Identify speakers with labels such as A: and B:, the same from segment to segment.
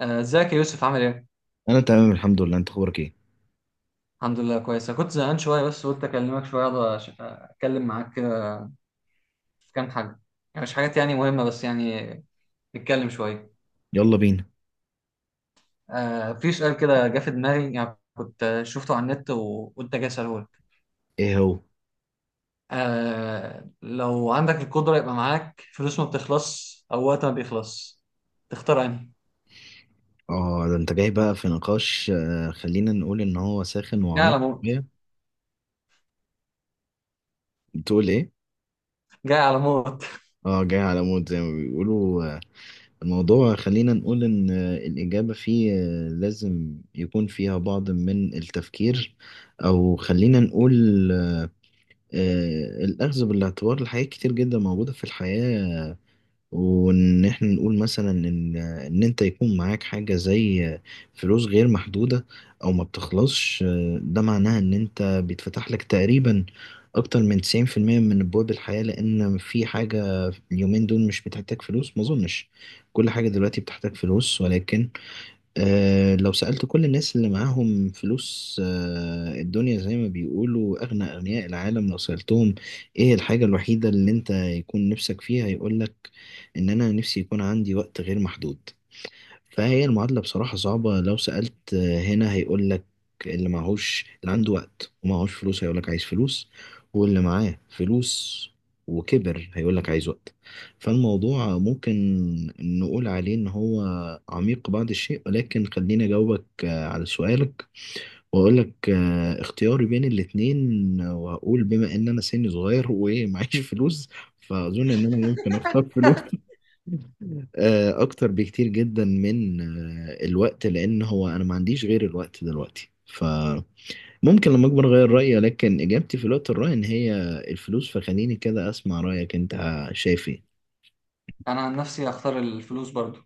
A: آه، ازيك يا يوسف، عامل ايه؟
B: انا تمام الحمد لله. انت اخبارك ايه؟
A: الحمد لله كويس. أنا كنت زهقان شوية بس قلت أكلمك شوية أقعد أتكلم معاك كده في كام حاجة. يعني مش حاجات يعني مهمة، بس يعني نتكلم شوية.
B: يلا بينا.
A: آه، في سؤال كده جه في دماغي، يعني كنت شفته على النت وقلت أجي أسأله لك.
B: ايه هو؟
A: آه، لو عندك القدرة يبقى معاك فلوس ما بتخلص أو وقت ما بيخلص، تختار أنهي؟
B: اه ده انت جاي بقى في نقاش. خلينا نقول ان هو ساخن
A: جاي
B: وعميق
A: على موت.
B: شويه. بتقول ايه؟
A: جاي على موت.
B: اه جاي على مود زي ما بيقولوا. الموضوع خلينا نقول ان الاجابه فيه لازم يكون فيها بعض من التفكير، او خلينا نقول الاخذ بالاعتبار لحاجات كتير جدا موجوده في الحياه. وان احنا نقول مثلا ان انت يكون معاك حاجة زي فلوس غير محدودة او ما بتخلصش، ده معناها ان انت بيتفتح لك تقريبا اكتر من 90% من ابواب الحياة، لان في حاجة اليومين دول مش بتحتاج فلوس، ما اظنش كل حاجة دلوقتي بتحتاج فلوس، ولكن لو سألت كل الناس اللي معاهم فلوس، الدنيا زي ما بيقولوا أغنى أغنياء العالم، لو سألتهم إيه الحاجة الوحيدة اللي أنت يكون نفسك فيها، يقولك إن أنا نفسي يكون عندي وقت غير محدود. فهي المعادلة بصراحة صعبة. لو سألت هنا هيقول لك، اللي معهوش، اللي عنده وقت ومعهوش فلوس هيقول لك عايز فلوس، واللي معاه فلوس وكبر هيقول لك عايز وقت. فالموضوع ممكن نقول عليه إن هو عميق بعض الشيء، ولكن خليني أجاوبك على سؤالك وأقول لك اختياري بين الاتنين. وهقول بما إن أنا سني صغير ومعيش فلوس، فأظن إن أنا ممكن أختار فلوس اكتر بكتير جدا من الوقت، لان هو انا ما عنديش غير الوقت دلوقتي، فممكن لما اكبر اغير رايي، لكن اجابتي في الوقت الراهن هي الفلوس. فخليني كده اسمع رايك انت، شايف ايه؟
A: أنا عن نفسي هختار الفلوس برضو،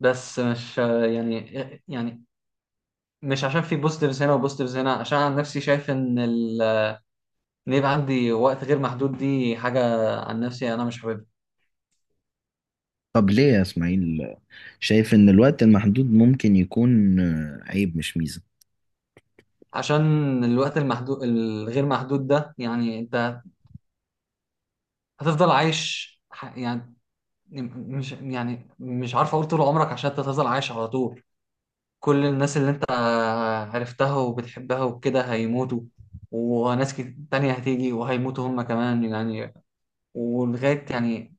A: بس مش يعني مش عشان في بوزيتيفز هنا وبوزيتيفز هنا. عشان عن نفسي شايف ان ان يبقى عندي وقت غير محدود دي حاجه عن نفسي انا مش حاببها.
B: طب ليه يا اسماعيل شايف ان الوقت المحدود ممكن يكون عيب مش ميزة؟
A: عشان الوقت المحدود الغير محدود ده، يعني انت هتفضل عايش يعني مش، يعني مش عارف اقول طول عمرك، عشان انت هتفضل عايش على طول. كل الناس اللي انت عرفتها وبتحبها وكده هيموتوا، وناس تانية هتيجي وهيموتوا هم كمان، يعني ولغاية يعني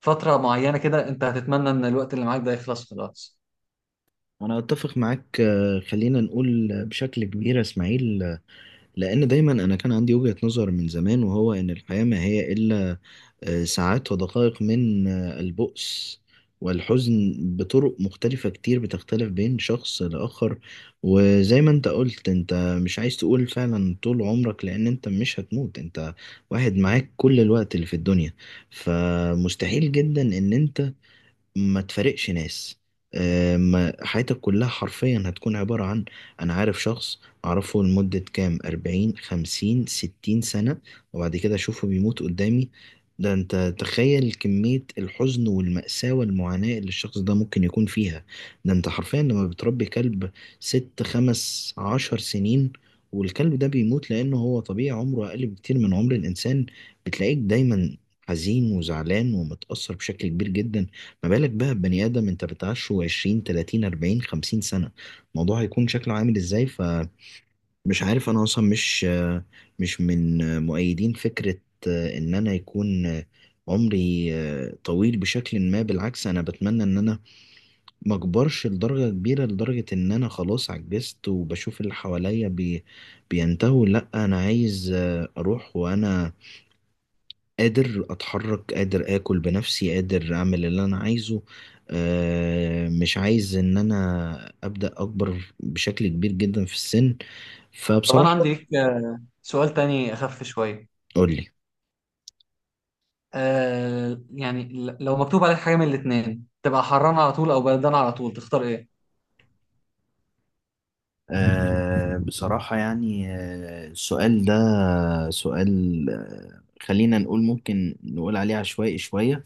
A: فترة معينة كده أنت هتتمنى إن الوقت اللي معاك ده يخلص خلاص.
B: انا اتفق معاك خلينا نقول بشكل كبير يا اسماعيل، لان دايما انا كان عندي وجهة نظر من زمان، وهو ان الحياة ما هي الا ساعات ودقائق من البؤس والحزن بطرق مختلفة كتير بتختلف بين شخص لآخر. وزي ما انت قلت، انت مش عايز تقول فعلا طول عمرك، لأن انت مش هتموت، انت واحد معاك كل الوقت اللي في الدنيا، فمستحيل جدا ان انت ما تفارقش ناس. ما حياتك كلها حرفيا هتكون عبارة عن، أنا عارف شخص أعرفه لمدة كام 40 50 60 سنة وبعد كده أشوفه بيموت قدامي. ده أنت تخيل كمية الحزن والمأساة والمعاناة اللي الشخص ده ممكن يكون فيها. ده أنت حرفيا لما بتربي كلب ست 15 سنين والكلب ده بيموت لأنه هو طبيعي عمره أقل بكتير من عمر الإنسان، بتلاقيك دايما حزين وزعلان ومتأثر بشكل كبير جدا. ما بالك بقى ببني آدم أنت بتعشه 20 30 40 50 سنة، الموضوع هيكون شكله عامل إزاي؟ فمش عارف، أنا أصلا مش من مؤيدين فكرة إن أنا يكون عمري طويل بشكل ما. بالعكس، أنا بتمنى إن أنا ما أكبرش لدرجة كبيرة، لدرجة إن أنا خلاص عجزت وبشوف اللي حواليا بي بينتهوا. لأ، أنا عايز أروح وأنا قادر اتحرك، قادر اكل بنفسي، قادر اعمل اللي انا عايزه. مش عايز ان انا ابدا اكبر بشكل كبير جدا في السن.
A: طب أنا
B: فبصراحة
A: عندي ليك سؤال تاني أخف شوية.
B: قولي.
A: آه يعني لو مكتوب عليك حاجة من الاتنين، تبقى حران على طول أو بردان على طول، تختار إيه؟
B: بصراحة يعني السؤال ده سؤال خلينا نقول ممكن نقول عليه عشوائي شوية،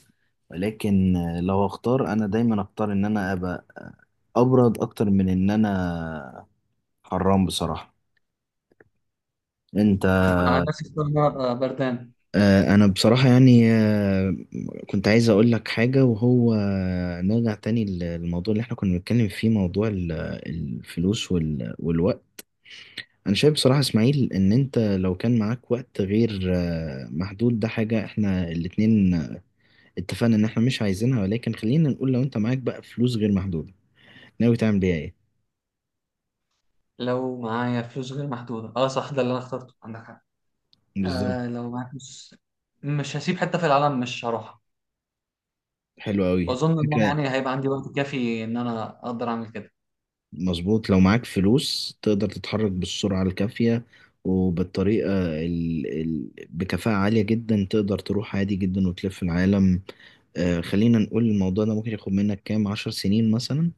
B: ولكن لو اختار انا دايما اختار ان انا ابقى ابرد اكتر من ان انا حرام بصراحة. انت؟
A: أنا عن نفسي أختار إن أنا أبقى بردان.
B: انا بصراحة يعني كنت عايز اقول لك حاجة، وهو نرجع تاني للموضوع اللي احنا كنا بنتكلم فيه، موضوع الفلوس والوقت. انا شايف بصراحة اسماعيل ان انت لو كان معاك وقت غير محدود، ده حاجة احنا الاتنين اتفقنا ان احنا مش عايزينها، ولكن خلينا نقول لو انت معاك بقى فلوس غير محدودة، ناوي تعمل بيها ايه؟
A: لو معايا فلوس غير محدودة، أه صح، ده اللي أنا اخترته، عندك حق.
B: بالظبط.
A: آه، لو معايا فلوس مش هسيب حتة في العالم مش هروحها.
B: حلو قوي.
A: وأظن إن أنا يعني هيبقى عندي وقت كافي إن أنا أقدر أعمل كده.
B: مظبوط، لو معاك فلوس تقدر تتحرك بالسرعة الكافية وبالطريقة بكفاءة عالية جدا، تقدر تروح عادي جدا وتلف العالم. خلينا نقول الموضوع ده ممكن ياخد منك كام 10 سنين مثلا،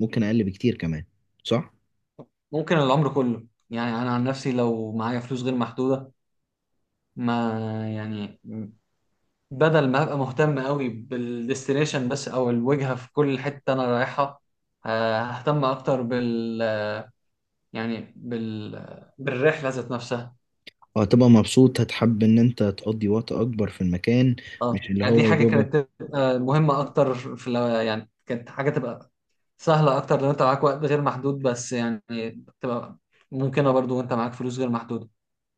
B: ممكن أقل بكتير كمان، صح؟
A: ممكن العمر كله. يعني انا عن نفسي لو معايا فلوس غير محدوده، ما يعني بدل ما ابقى مهتم قوي بالديستنيشن بس او الوجهه في كل حته انا رايحها، ههتم اكتر يعني بالرحله ذات نفسها.
B: وهتبقى مبسوط، هتحب إن أنت تقضي وقت أكبر في المكان.
A: اه
B: مش اللي
A: يعني دي
B: هو يا
A: حاجه
B: دوبك.
A: كانت تبقى مهمه اكتر في يعني كانت حاجه تبقى سهله اكتر لو انت معاك وقت غير محدود، بس يعني تبقى ممكنه برضو وانت معاك فلوس غير محدوده.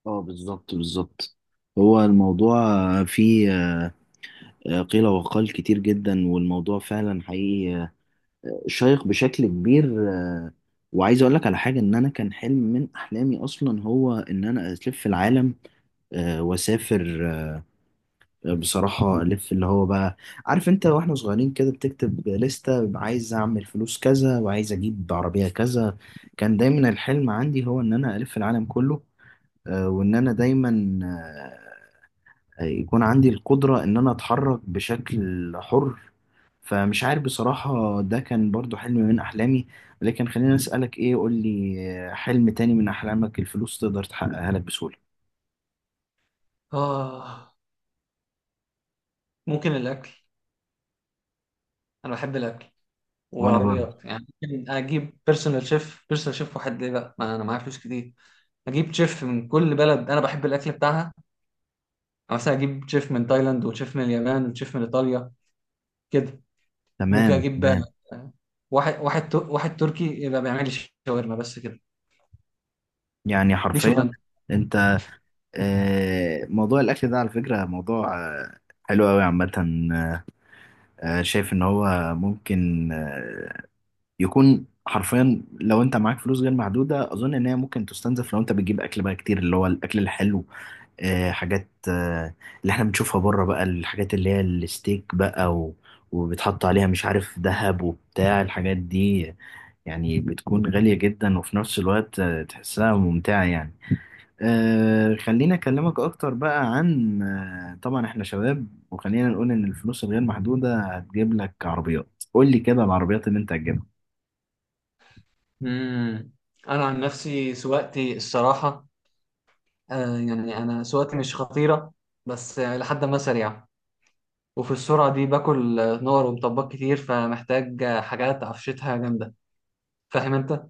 B: اه بالظبط بالظبط. هو الموضوع فيه قيل وقال كتير جدا، والموضوع فعلا حقيقي شيق بشكل كبير. وعايز اقول لك على حاجه، ان انا كان حلم من احلامي اصلا هو ان انا الف العالم واسافر. بصراحه الف اللي هو بقى، عارف انت واحنا صغيرين كده بتكتب لستة عايز اعمل فلوس كذا وعايز اجيب عربيه كذا، كان دايما الحلم عندي هو ان انا الف العالم كله. وان انا دايما يكون عندي القدرة إن أنا أتحرك بشكل حر. فمش عارف بصراحة، ده كان برضو حلم من أحلامي. لكن خلينا أسألك إيه، قول لي حلم تاني من أحلامك الفلوس تقدر تحققها لك بسهولة.
A: اه، ممكن الاكل. انا بحب الاكل
B: وأنا برضو.
A: والعربيات، يعني ممكن اجيب بيرسونال شيف واحد ليه بقى؟ ما انا معايا فلوس كتير. اجيب شيف من كل بلد انا بحب الاكل بتاعها، يعني مثلا اجيب شيف من تايلاند وشيف من اليابان وشيف من ايطاليا كده. ممكن
B: تمام
A: اجيب
B: تمام.
A: واحد تركي يبقى بيعمل لي شاورما بس كده.
B: يعني
A: دي
B: حرفيا
A: شغلانتي.
B: أنت. موضوع الأكل ده على فكرة موضوع حلو أوي عامة. شايف إن هو ممكن يكون حرفيا لو انت معاك فلوس غير محدوده، اظن ان هي ممكن تستنزف لو انت بتجيب اكل بقى كتير، اللي هو الاكل الحلو. حاجات اللي احنا بنشوفها بره بقى، الحاجات اللي هي الستيك بقى وبتحط عليها مش عارف ذهب وبتاع الحاجات دي، يعني بتكون غالية جدا وفي نفس الوقت تحسها ممتعة يعني. أه خليني أكلمك أكتر بقى عن طبعا احنا شباب وخلينا نقول إن الفلوس الغير محدودة هتجيب لك عربيات، قول لي كده العربيات اللي أنت هتجيبها.
A: امم انا عن نفسي سواقتي الصراحه. آه يعني انا سواقتي مش خطيره، بس لحد ما سريعه. وفي السرعه دي باكل نار ومطبات كتير، فمحتاج حاجات عفشتها جامده. فاهم انت؟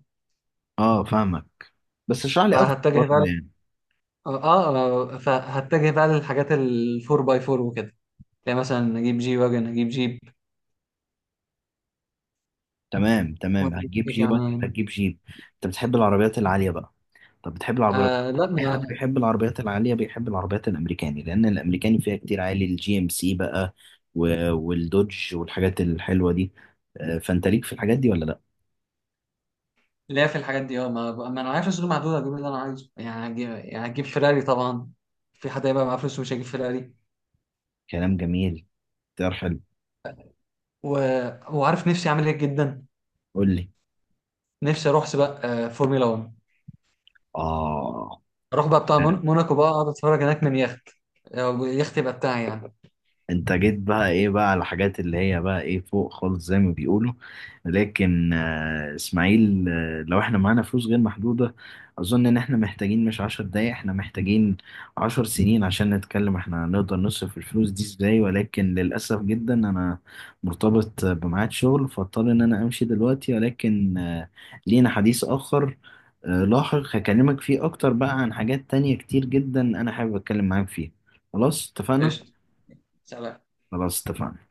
B: اه فاهمك، بس اشرح لي أكتر
A: فهتجه بقى
B: برضه
A: ل-
B: يعني.
A: اه آه، فهتجه بقى للحاجات الفور باي فور وكده. تلاقي مثلا اجيب جي واجن، اجيب جيب.
B: تمام تمام،
A: واجيب
B: هتجيب
A: ايه
B: جيب ولا
A: كمان؟
B: هتجيب جيب؟ أنت بتحب العربيات العالية بقى؟ طب بتحب العربيات؟
A: آه لا،
B: اي حد
A: ما،
B: بيحب العربيات العاليه بيحب العربيات الامريكاني، لان الامريكاني فيها كتير عالي، الجي ام سي بقى والدوج والحاجات الحلوه دي. فانت ليك في الحاجات دي ولا لا؟
A: لا، في الحاجات دي اه. ما انا معايا فلوس غير محدوده، اجيب اللي انا عايزه. يعني هجيب، يعني هجيب فيراري طبعا. في حد هيبقى معاه فلوس ومش هيجيب فيراري؟
B: كلام جميل. اختيار حلو.
A: و... وعارف نفسي اعمل ايه جدا.
B: قول لي.
A: نفسي اروح سباق فورمولا 1.
B: اه
A: اروح بقى بتاع موناكو، بقى اقعد اتفرج هناك من يخت. يخت يبقى بتاعي يعني.
B: انت جيت بقى ايه بقى على الحاجات اللي هي بقى ايه فوق خالص زي ما بيقولوا. لكن اسماعيل، لو احنا معانا فلوس غير محدودة، اظن ان احنا محتاجين مش 10 دقايق، احنا محتاجين 10 سنين عشان نتكلم احنا هنقدر نصرف الفلوس دي ازاي. ولكن للأسف جدا انا مرتبط بميعاد شغل، فاضطر ان انا امشي دلوقتي. ولكن لينا حديث اخر لاحق هكلمك فيه اكتر بقى عن حاجات تانية كتير جدا انا حابب اتكلم معاك فيها. خلاص اتفقنا؟
A: قشطه. سلام.
B: خلاص اتفقنا.